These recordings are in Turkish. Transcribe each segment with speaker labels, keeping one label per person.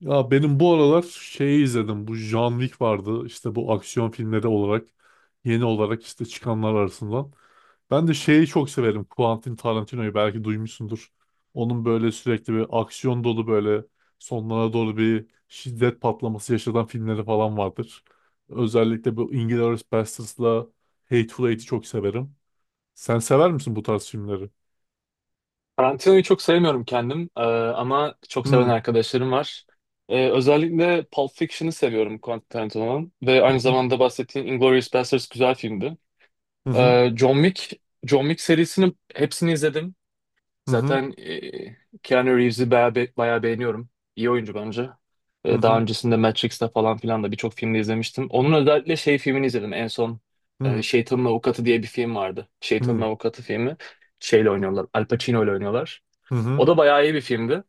Speaker 1: Ya benim bu aralar şeyi izledim. Bu John Wick vardı. İşte bu aksiyon filmleri olarak yeni olarak işte çıkanlar arasından. Ben de şeyi çok severim. Quentin Tarantino'yu belki duymuşsundur. Onun böyle sürekli bir aksiyon dolu böyle sonlara doğru bir şiddet patlaması yaşatan filmleri falan vardır. Özellikle bu Inglourious Basterds'la Hateful Eight'i çok severim. Sen sever misin bu tarz filmleri?
Speaker 2: Karantinayı çok sevmiyorum kendim ama çok seven
Speaker 1: Hı
Speaker 2: arkadaşlarım var. Özellikle Pulp Fiction'ı seviyorum Quentin Tarantino'nun ve
Speaker 1: hı,
Speaker 2: aynı
Speaker 1: hı
Speaker 2: zamanda bahsettiğin Inglourious Basterds güzel filmdi.
Speaker 1: hı, hı
Speaker 2: E, John Wick, John Wick serisini hepsini izledim.
Speaker 1: hı,
Speaker 2: Zaten Keanu Reeves'i bayağı, bayağı beğeniyorum. İyi oyuncu bence.
Speaker 1: hı
Speaker 2: Daha
Speaker 1: hı,
Speaker 2: öncesinde Matrix'te falan filan da birçok filmde izlemiştim. Onun özellikle şey filmini izledim en son.
Speaker 1: hı
Speaker 2: Şeytanın Avukatı diye bir film vardı. Şeytanın Avukatı filmi. Şeyle oynuyorlar. Al Pacino ile oynuyorlar.
Speaker 1: hı,
Speaker 2: O
Speaker 1: hı.
Speaker 2: da bayağı iyi bir filmdi.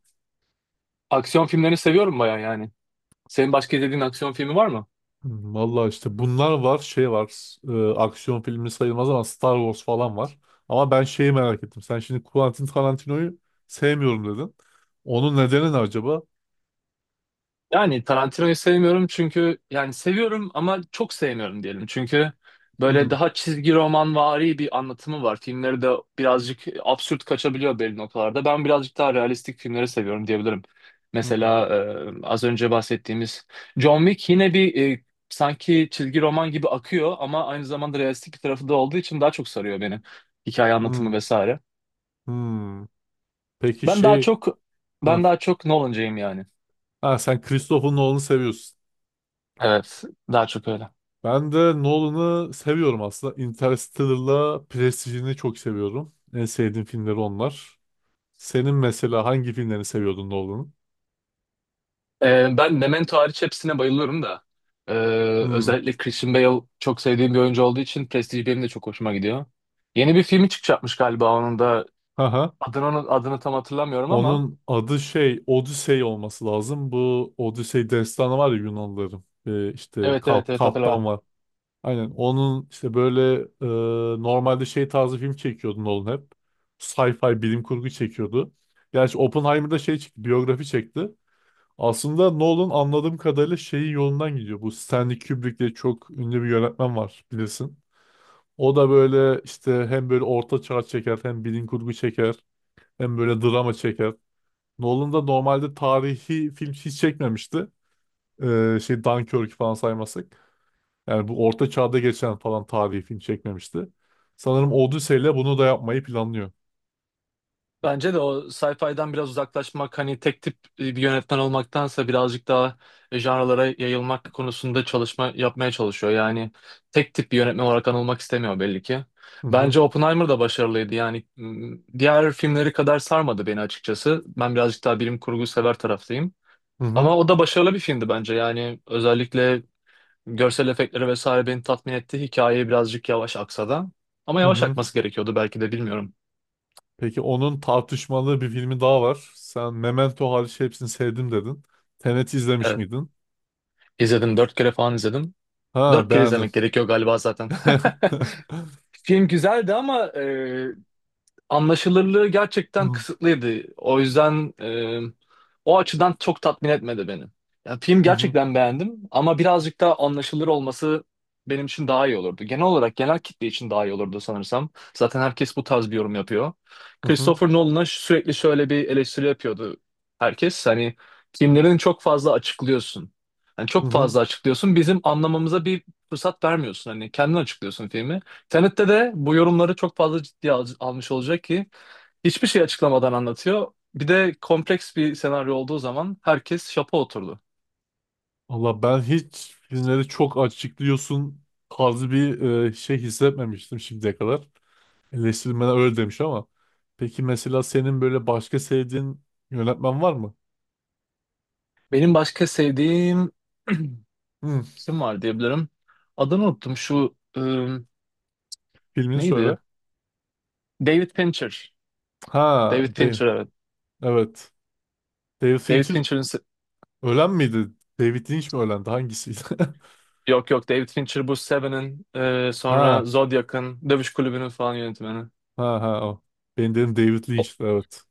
Speaker 2: Aksiyon filmlerini seviyorum bayağı yani. Senin başka izlediğin aksiyon filmi var mı?
Speaker 1: Vallahi işte bunlar var, şey var. Aksiyon filmi sayılmaz ama Star Wars falan var. Ama ben şeyi merak ettim. Sen şimdi Quentin Tarantino'yu sevmiyorum dedin. Onun nedeni ne acaba?
Speaker 2: Yani Tarantino'yu sevmiyorum çünkü yani seviyorum ama çok sevmiyorum diyelim. Çünkü böyle
Speaker 1: Hmm,
Speaker 2: daha çizgi romanvari bir anlatımı var. Filmleri de birazcık absürt kaçabiliyor belli noktalarda. Ben birazcık daha realistik filmleri seviyorum diyebilirim.
Speaker 1: hmm,
Speaker 2: Mesela az önce bahsettiğimiz John Wick yine bir sanki çizgi roman gibi akıyor ama aynı zamanda realistik bir tarafı da olduğu için daha çok sarıyor beni. Hikaye anlatımı
Speaker 1: hmm,
Speaker 2: vesaire.
Speaker 1: hmm. Peki
Speaker 2: Ben daha
Speaker 1: şey...
Speaker 2: çok
Speaker 1: Ha,
Speaker 2: ben daha çok Nolan'cıyım yani.
Speaker 1: ha, sen Christopher Nolan'ı seviyorsun.
Speaker 2: Evet, daha çok öyle.
Speaker 1: Ben de Nolan'ı seviyorum aslında. Interstellar'la Prestige'ini çok seviyorum. En sevdiğim filmleri onlar. Senin mesela hangi filmlerini seviyordun Nolan'ın?
Speaker 2: Ben Memento hariç hepsine bayılıyorum da. Ee,
Speaker 1: Hmm.
Speaker 2: Özellikle Christian Bale çok sevdiğim bir oyuncu olduğu için Prestige benim de çok hoşuma gidiyor. Yeni bir filmi çıkacakmış galiba onun da. Adını tam hatırlamıyorum ama.
Speaker 1: Onun adı şey Odisey olması lazım. Bu Odisey destanı var ya Yunanlıların. İşte
Speaker 2: Evet, evet,
Speaker 1: Kap,
Speaker 2: evet,
Speaker 1: Kaptan
Speaker 2: hatırladım.
Speaker 1: var. Aynen onun işte böyle e, normalde şey tarzı film çekiyordu Nolan hep. Sci-fi bilim kurgu çekiyordu. Gerçi Oppenheimer'da şey çekti, biyografi çekti. Aslında Nolan anladığım kadarıyla şeyin yolundan gidiyor. Bu Stanley Kubrick diye çok ünlü bir yönetmen var bilirsin. O da böyle işte hem böyle orta çağ çeker hem bilim kurgu çeker hem böyle drama çeker. Nolan da normalde tarihi film hiç çekmemişti. Şey Dunkirk'ü falan saymazsak. Yani bu orta çağda geçen falan tarihi film çekmemişti. Sanırım Odyssey ile bunu da yapmayı planlıyor.
Speaker 2: Bence de o sci-fi'den biraz uzaklaşmak hani tek tip bir yönetmen olmaktansa birazcık daha janralara yayılmak konusunda çalışma yapmaya çalışıyor. Yani tek tip bir yönetmen olarak anılmak istemiyor belli ki.
Speaker 1: Hı hı,
Speaker 2: Bence Oppenheimer da başarılıydı. Yani diğer filmleri kadar sarmadı beni açıkçası. Ben birazcık daha bilim kurgu sever taraftayım.
Speaker 1: hı hı,
Speaker 2: Ama o da başarılı bir filmdi bence. Yani özellikle görsel efektleri vesaire beni tatmin etti. Hikaye birazcık yavaş aksa da. Ama
Speaker 1: hı
Speaker 2: yavaş
Speaker 1: hı.
Speaker 2: akması gerekiyordu belki de bilmiyorum.
Speaker 1: Peki onun tartışmalı bir filmi daha var. Sen Memento hariç hepsini sevdim dedin. Tenet izlemiş
Speaker 2: Evet.
Speaker 1: miydin?
Speaker 2: İzledim dört kere falan izledim. Dört
Speaker 1: Ha,
Speaker 2: kere
Speaker 1: beğendin.
Speaker 2: izlemek gerekiyor galiba zaten. Film güzeldi ama anlaşılırlığı gerçekten
Speaker 1: Hı
Speaker 2: kısıtlıydı. O yüzden o açıdan çok tatmin etmedi beni. Ya, film
Speaker 1: hı,
Speaker 2: gerçekten beğendim ama birazcık daha anlaşılır olması benim için daha iyi olurdu. Genel olarak genel kitle için daha iyi olurdu sanırsam. Zaten herkes bu tarz bir yorum yapıyor.
Speaker 1: hı hı,
Speaker 2: Christopher Nolan'a sürekli şöyle bir eleştiri yapıyordu herkes. Hani filmlerini çok fazla açıklıyorsun. Yani
Speaker 1: hı
Speaker 2: çok
Speaker 1: hı.
Speaker 2: fazla açıklıyorsun. Bizim anlamamıza bir fırsat vermiyorsun. Hani kendin açıklıyorsun filmi. Tenet'te de bu yorumları çok fazla ciddiye almış olacak ki hiçbir şey açıklamadan anlatıyor. Bir de kompleks bir senaryo olduğu zaman herkes şapa oturdu.
Speaker 1: Valla ben hiç filmleri çok açıklıyorsun tarzı bir şey hissetmemiştim şimdiye kadar. Eleştirmenler öyle demiş ama. Peki mesela senin böyle başka sevdiğin yönetmen var mı?
Speaker 2: Benim başka sevdiğim
Speaker 1: Hmm,
Speaker 2: kim var diyebilirim. Adını unuttum şu
Speaker 1: Filmini söyle.
Speaker 2: neydi? David Fincher.
Speaker 1: Ha,
Speaker 2: David
Speaker 1: Dave.
Speaker 2: Fincher evet.
Speaker 1: Evet. David
Speaker 2: David
Speaker 1: Fincher
Speaker 2: Fincher'ın se-
Speaker 1: ölen miydi? David Lynch mi ölendi? Hangisiydi?
Speaker 2: Yok, yok, David Fincher bu Seven'in sonra
Speaker 1: Ha,
Speaker 2: Zodiac'ın Dövüş Kulübü'nün falan yönetmeni.
Speaker 1: ha, ha o. Ben dedim David Lynch'ti evet.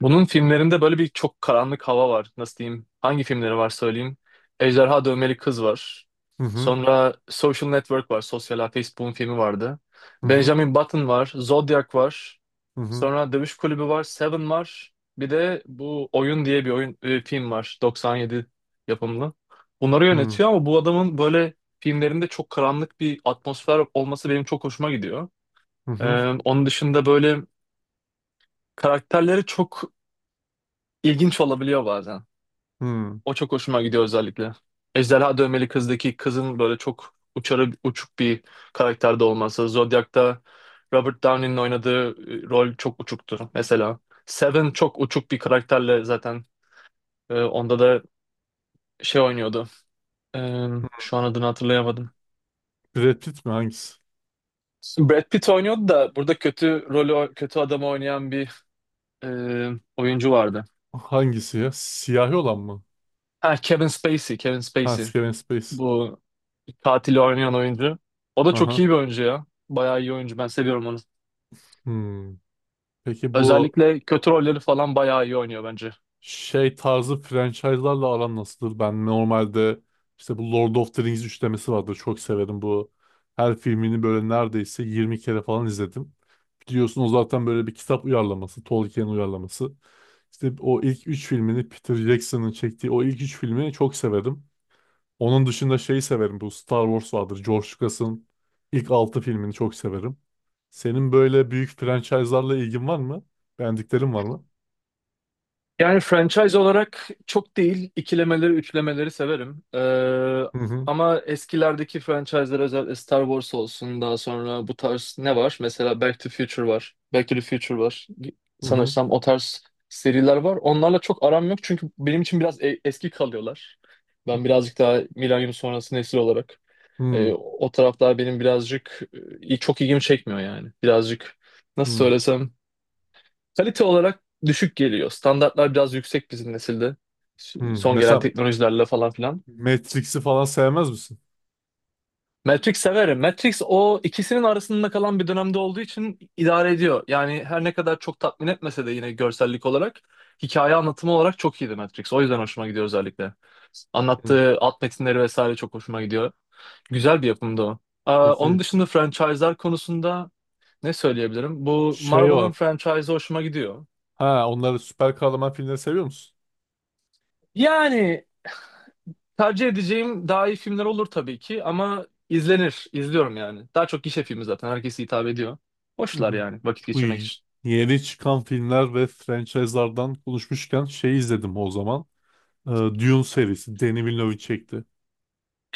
Speaker 2: Bunun filmlerinde böyle bir çok karanlık hava var. Nasıl diyeyim? Hangi filmleri var söyleyeyim. Ejderha Dövmeli Kız var.
Speaker 1: Hı hı,
Speaker 2: Sonra Social Network var. Sosyal Ağ Facebook'un filmi vardı.
Speaker 1: hı hı,
Speaker 2: Benjamin Button var. Zodiac var.
Speaker 1: hı hı,
Speaker 2: Sonra Dövüş Kulübü var. Seven var. Bir de bu Oyun diye bir oyun film var. 97 yapımlı. Bunları
Speaker 1: hı
Speaker 2: yönetiyor ama bu adamın böyle filmlerinde çok karanlık bir atmosfer olması benim çok hoşuma gidiyor.
Speaker 1: hı, hı.
Speaker 2: Ee, Onun dışında böyle karakterleri çok ilginç olabiliyor bazen.
Speaker 1: Hı.
Speaker 2: O çok hoşuma gidiyor özellikle. Ejderha Dövmeli Kız'daki kızın böyle çok uçarı uçuk bir karakterde olması. Zodiac'ta Robert Downey'nin oynadığı rol çok uçuktu mesela. Seven çok uçuk bir karakterle zaten onda da şey oynuyordu. E, Şu an adını hatırlayamadım.
Speaker 1: Brad Pitt mi hangisi?
Speaker 2: Brad Pitt oynuyordu da burada kötü rolü kötü adamı oynayan bir e, oyuncu vardı.
Speaker 1: Hangisi ya? Siyahi olan mı?
Speaker 2: Ha, Kevin Spacey, Kevin
Speaker 1: Ha,
Speaker 2: Spacey.
Speaker 1: Kevin Space.
Speaker 2: Bu katili oynayan oyuncu. O da çok
Speaker 1: Aha.
Speaker 2: iyi bir oyuncu ya. Bayağı iyi oyuncu. Ben seviyorum onu.
Speaker 1: Hmm. Peki bu
Speaker 2: Özellikle kötü rolleri falan bayağı iyi oynuyor bence.
Speaker 1: şey tarzı franchise'larla aran nasıldır? Ben normalde işte bu Lord of the Rings üçlemesi vardır. Çok severim bu. Her filmini böyle neredeyse 20 kere falan izledim. Biliyorsun o zaten böyle bir kitap uyarlaması. Tolkien uyarlaması. İşte o ilk üç filmini Peter Jackson'ın çektiği o ilk üç filmi çok severim. Onun dışında şeyi severim. Bu Star Wars vardır. George Lucas'ın ilk altı filmini çok severim. Senin böyle büyük franchise'larla ilgin var mı? Beğendiklerin var mı?
Speaker 2: Yani franchise olarak çok değil. İkilemeleri, üçlemeleri severim.
Speaker 1: Hı hı.
Speaker 2: Ama eskilerdeki franchise'lar özellikle Star Wars olsun. Daha sonra bu tarz ne var? Mesela Back to Future var. Back to the Future var.
Speaker 1: Hı hı.
Speaker 2: Sanırsam o tarz seriler var. Onlarla çok aram yok çünkü benim için biraz eski kalıyorlar. Ben birazcık daha milenyum sonrası nesil olarak.
Speaker 1: Hı.
Speaker 2: O taraflar benim birazcık çok ilgimi çekmiyor yani. Birazcık nasıl
Speaker 1: Hı,
Speaker 2: söylesem kalite olarak düşük geliyor. Standartlar biraz yüksek bizim nesilde.
Speaker 1: hı.
Speaker 2: Son gelen
Speaker 1: Mesela
Speaker 2: teknolojilerle falan filan.
Speaker 1: Matrix'i falan sevmez misin?
Speaker 2: Matrix severim. Matrix o ikisinin arasında kalan bir dönemde olduğu için idare ediyor. Yani her ne kadar çok tatmin etmese de yine görsellik olarak hikaye anlatımı olarak çok iyiydi Matrix. O yüzden hoşuma gidiyor özellikle.
Speaker 1: Hı.
Speaker 2: Anlattığı alt metinleri vesaire çok hoşuma gidiyor. Güzel bir yapımdı o. Onun
Speaker 1: Peki
Speaker 2: dışında franchise'lar konusunda ne söyleyebilirim? Bu
Speaker 1: şey var.
Speaker 2: Marvel'ın franchise hoşuma gidiyor.
Speaker 1: Ha, onları süper kahraman filmleri seviyor musun?
Speaker 2: Yani tercih edeceğim daha iyi filmler olur tabii ki ama izlenir, izliyorum yani. Daha çok gişe filmi zaten herkese hitap ediyor.
Speaker 1: Hı
Speaker 2: Hoşlar
Speaker 1: hı.
Speaker 2: yani vakit
Speaker 1: Bu
Speaker 2: geçirmek için.
Speaker 1: yeni çıkan filmler ve franchise'lardan konuşmuşken şey izledim o zaman. Dune serisi. Denis Villeneuve çekti.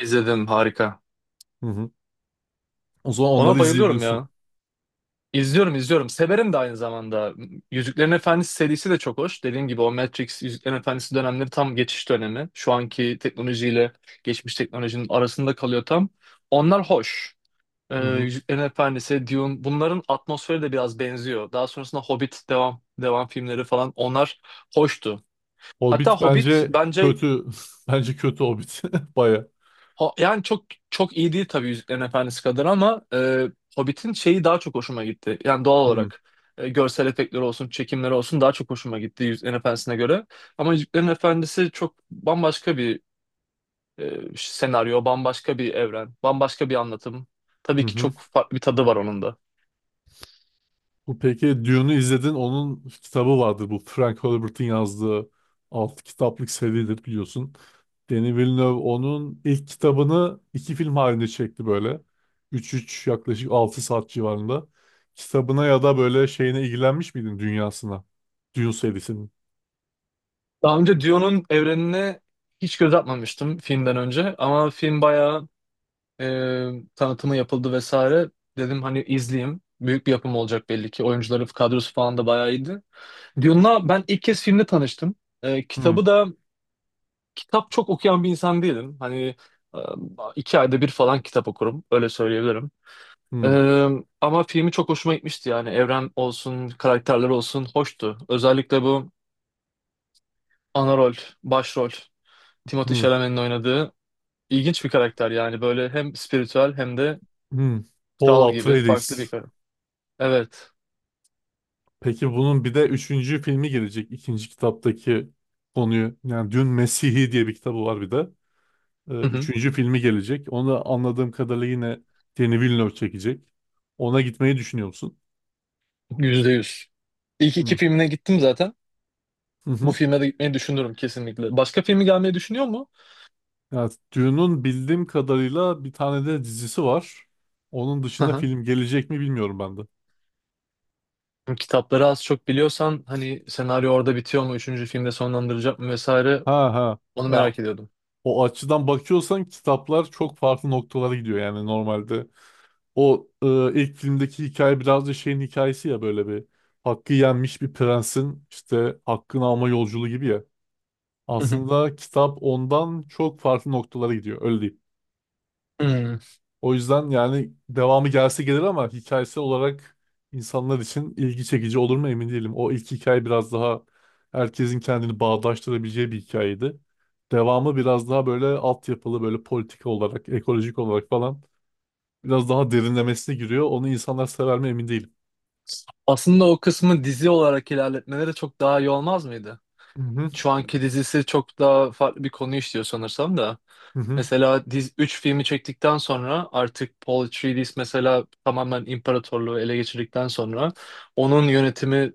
Speaker 2: İzledim, harika.
Speaker 1: Hı hı. O zaman
Speaker 2: Ona
Speaker 1: onları
Speaker 2: bayılıyorum
Speaker 1: izleyebiliyorsun.
Speaker 2: ya. İzliyorum izliyorum. Severim de aynı zamanda. Yüzüklerin Efendisi serisi de çok hoş. Dediğim gibi o Matrix Yüzüklerin Efendisi dönemleri tam geçiş dönemi. Şu anki teknolojiyle geçmiş teknolojinin arasında kalıyor tam. Onlar hoş.
Speaker 1: Hı hı.
Speaker 2: Yüzüklerin Efendisi, Dune bunların atmosferi de biraz benziyor. Daha sonrasında Hobbit devam devam filmleri falan onlar hoştu. Hatta
Speaker 1: Hobbit
Speaker 2: Hobbit
Speaker 1: bence
Speaker 2: bence
Speaker 1: kötü. Bence kötü Hobbit. Baya.
Speaker 2: yani çok çok iyi değil tabii Yüzüklerin Efendisi kadar ama Hobbit'in şeyi daha çok hoşuma gitti. Yani doğal
Speaker 1: Hı
Speaker 2: olarak görsel efektleri olsun, çekimleri olsun daha çok hoşuma gitti Yüzüklerin Efendisi'ne göre. Ama Yüzüklerin Efendisi çok bambaşka bir senaryo, bambaşka bir evren, bambaşka bir anlatım.
Speaker 1: hı.
Speaker 2: Tabii ki
Speaker 1: Hı.
Speaker 2: çok farklı bir tadı var onun da.
Speaker 1: Bu peki Dune'u izledin. Onun kitabı vardır. Bu Frank Herbert'in yazdığı 6 kitaplık seridir biliyorsun. Denis Villeneuve onun ilk kitabını iki film halinde çekti böyle. Üç yaklaşık 6 saat civarında. Kitabına ya da böyle şeyine ilgilenmiş miydin dünyasına? Dune serisinin.
Speaker 2: Daha önce Dune'un evrenine hiç göz atmamıştım filmden önce ama film bayağı e, tanıtımı yapıldı vesaire. Dedim hani izleyeyim. Büyük bir yapım olacak belli ki. Oyuncuları kadrosu falan da bayağı iyiydi. Dune'la ben ilk kez filmde tanıştım.
Speaker 1: Hmm,
Speaker 2: Kitabı da kitap çok okuyan bir insan değilim. Hani e, 2 ayda bir falan kitap okurum. Öyle söyleyebilirim. E,
Speaker 1: hmm,
Speaker 2: Ama filmi çok hoşuma gitmişti yani. Evren olsun, karakterler olsun hoştu. Özellikle bu ana rol, başrol. Timothée
Speaker 1: hmm,
Speaker 2: Chalamet'in oynadığı İlginç bir karakter yani böyle hem spiritüel hem de
Speaker 1: hmm. Paul
Speaker 2: kral gibi farklı bir
Speaker 1: Atreides.
Speaker 2: karakter. Evet.
Speaker 1: Peki bunun bir de üçüncü filmi gelecek. İkinci kitaptaki konuyu. Yani Dün Mesih'i diye bir kitabı var bir de.
Speaker 2: Hı hı.
Speaker 1: Üçüncü filmi gelecek. Onu da anladığım kadarıyla yine Denis Villeneuve çekecek. Ona gitmeyi düşünüyor musun?
Speaker 2: %100. İlk iki
Speaker 1: Hı.
Speaker 2: filmine gittim zaten.
Speaker 1: Hı
Speaker 2: Bu
Speaker 1: hı.
Speaker 2: filme de gitmeyi düşünürüm kesinlikle. Başka filmi gelmeyi düşünüyor mu?
Speaker 1: Yani Dune'un bildiğim kadarıyla bir tane de dizisi var. Onun
Speaker 2: Hı
Speaker 1: dışında
Speaker 2: hı.
Speaker 1: film gelecek mi bilmiyorum ben de.
Speaker 2: Kitapları az çok biliyorsan hani senaryo orada bitiyor mu? Üçüncü filmde sonlandıracak mı vesaire
Speaker 1: Ha, ha.
Speaker 2: onu
Speaker 1: Ya,
Speaker 2: merak ediyordum.
Speaker 1: o açıdan bakıyorsan kitaplar çok farklı noktalara gidiyor yani normalde. O ilk filmdeki hikaye biraz da şeyin hikayesi ya, böyle bir hakkı yenmiş bir prensin işte hakkını alma yolculuğu gibi ya.
Speaker 2: Hı hı.
Speaker 1: Aslında kitap ondan çok farklı noktalara gidiyor öyle diyeyim.
Speaker 2: Hmm.
Speaker 1: O yüzden yani devamı gelse gelir ama hikayesi olarak insanlar için ilgi çekici olur mu emin değilim. O ilk hikaye biraz daha herkesin kendini bağdaştırabileceği bir hikayeydi. Devamı biraz daha böyle altyapılı, böyle politik olarak, ekolojik olarak falan biraz daha derinlemesine giriyor. Onu insanlar sever mi emin değilim.
Speaker 2: Aslında o kısmı dizi olarak ilerletmeleri çok daha iyi olmaz mıydı?
Speaker 1: Hı hı,
Speaker 2: Şu anki dizisi çok daha farklı bir konu işliyor sanırsam da.
Speaker 1: hı hı,
Speaker 2: Mesela diz 3 filmi çektikten sonra artık Paul Atreides mesela tamamen imparatorluğu ele geçirdikten sonra onun yönetimi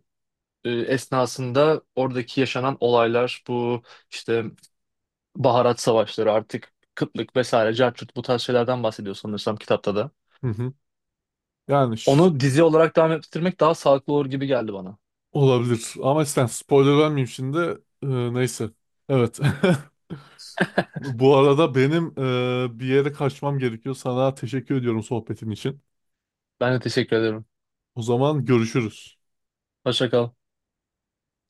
Speaker 2: esnasında oradaki yaşanan olaylar bu işte baharat savaşları artık kıtlık vesaire cartçut bu tarz şeylerden bahsediyor sanırsam kitapta da.
Speaker 1: hı hı. Yani
Speaker 2: Onu dizi olarak devam ettirmek daha sağlıklı olur gibi geldi bana.
Speaker 1: olabilir ama sen spoiler vermeyeyim şimdi. Neyse. Evet. Bu arada benim bir yere kaçmam gerekiyor. Sana teşekkür ediyorum sohbetin için.
Speaker 2: Ben de teşekkür ederim.
Speaker 1: O zaman görüşürüz.
Speaker 2: Hoşça kal.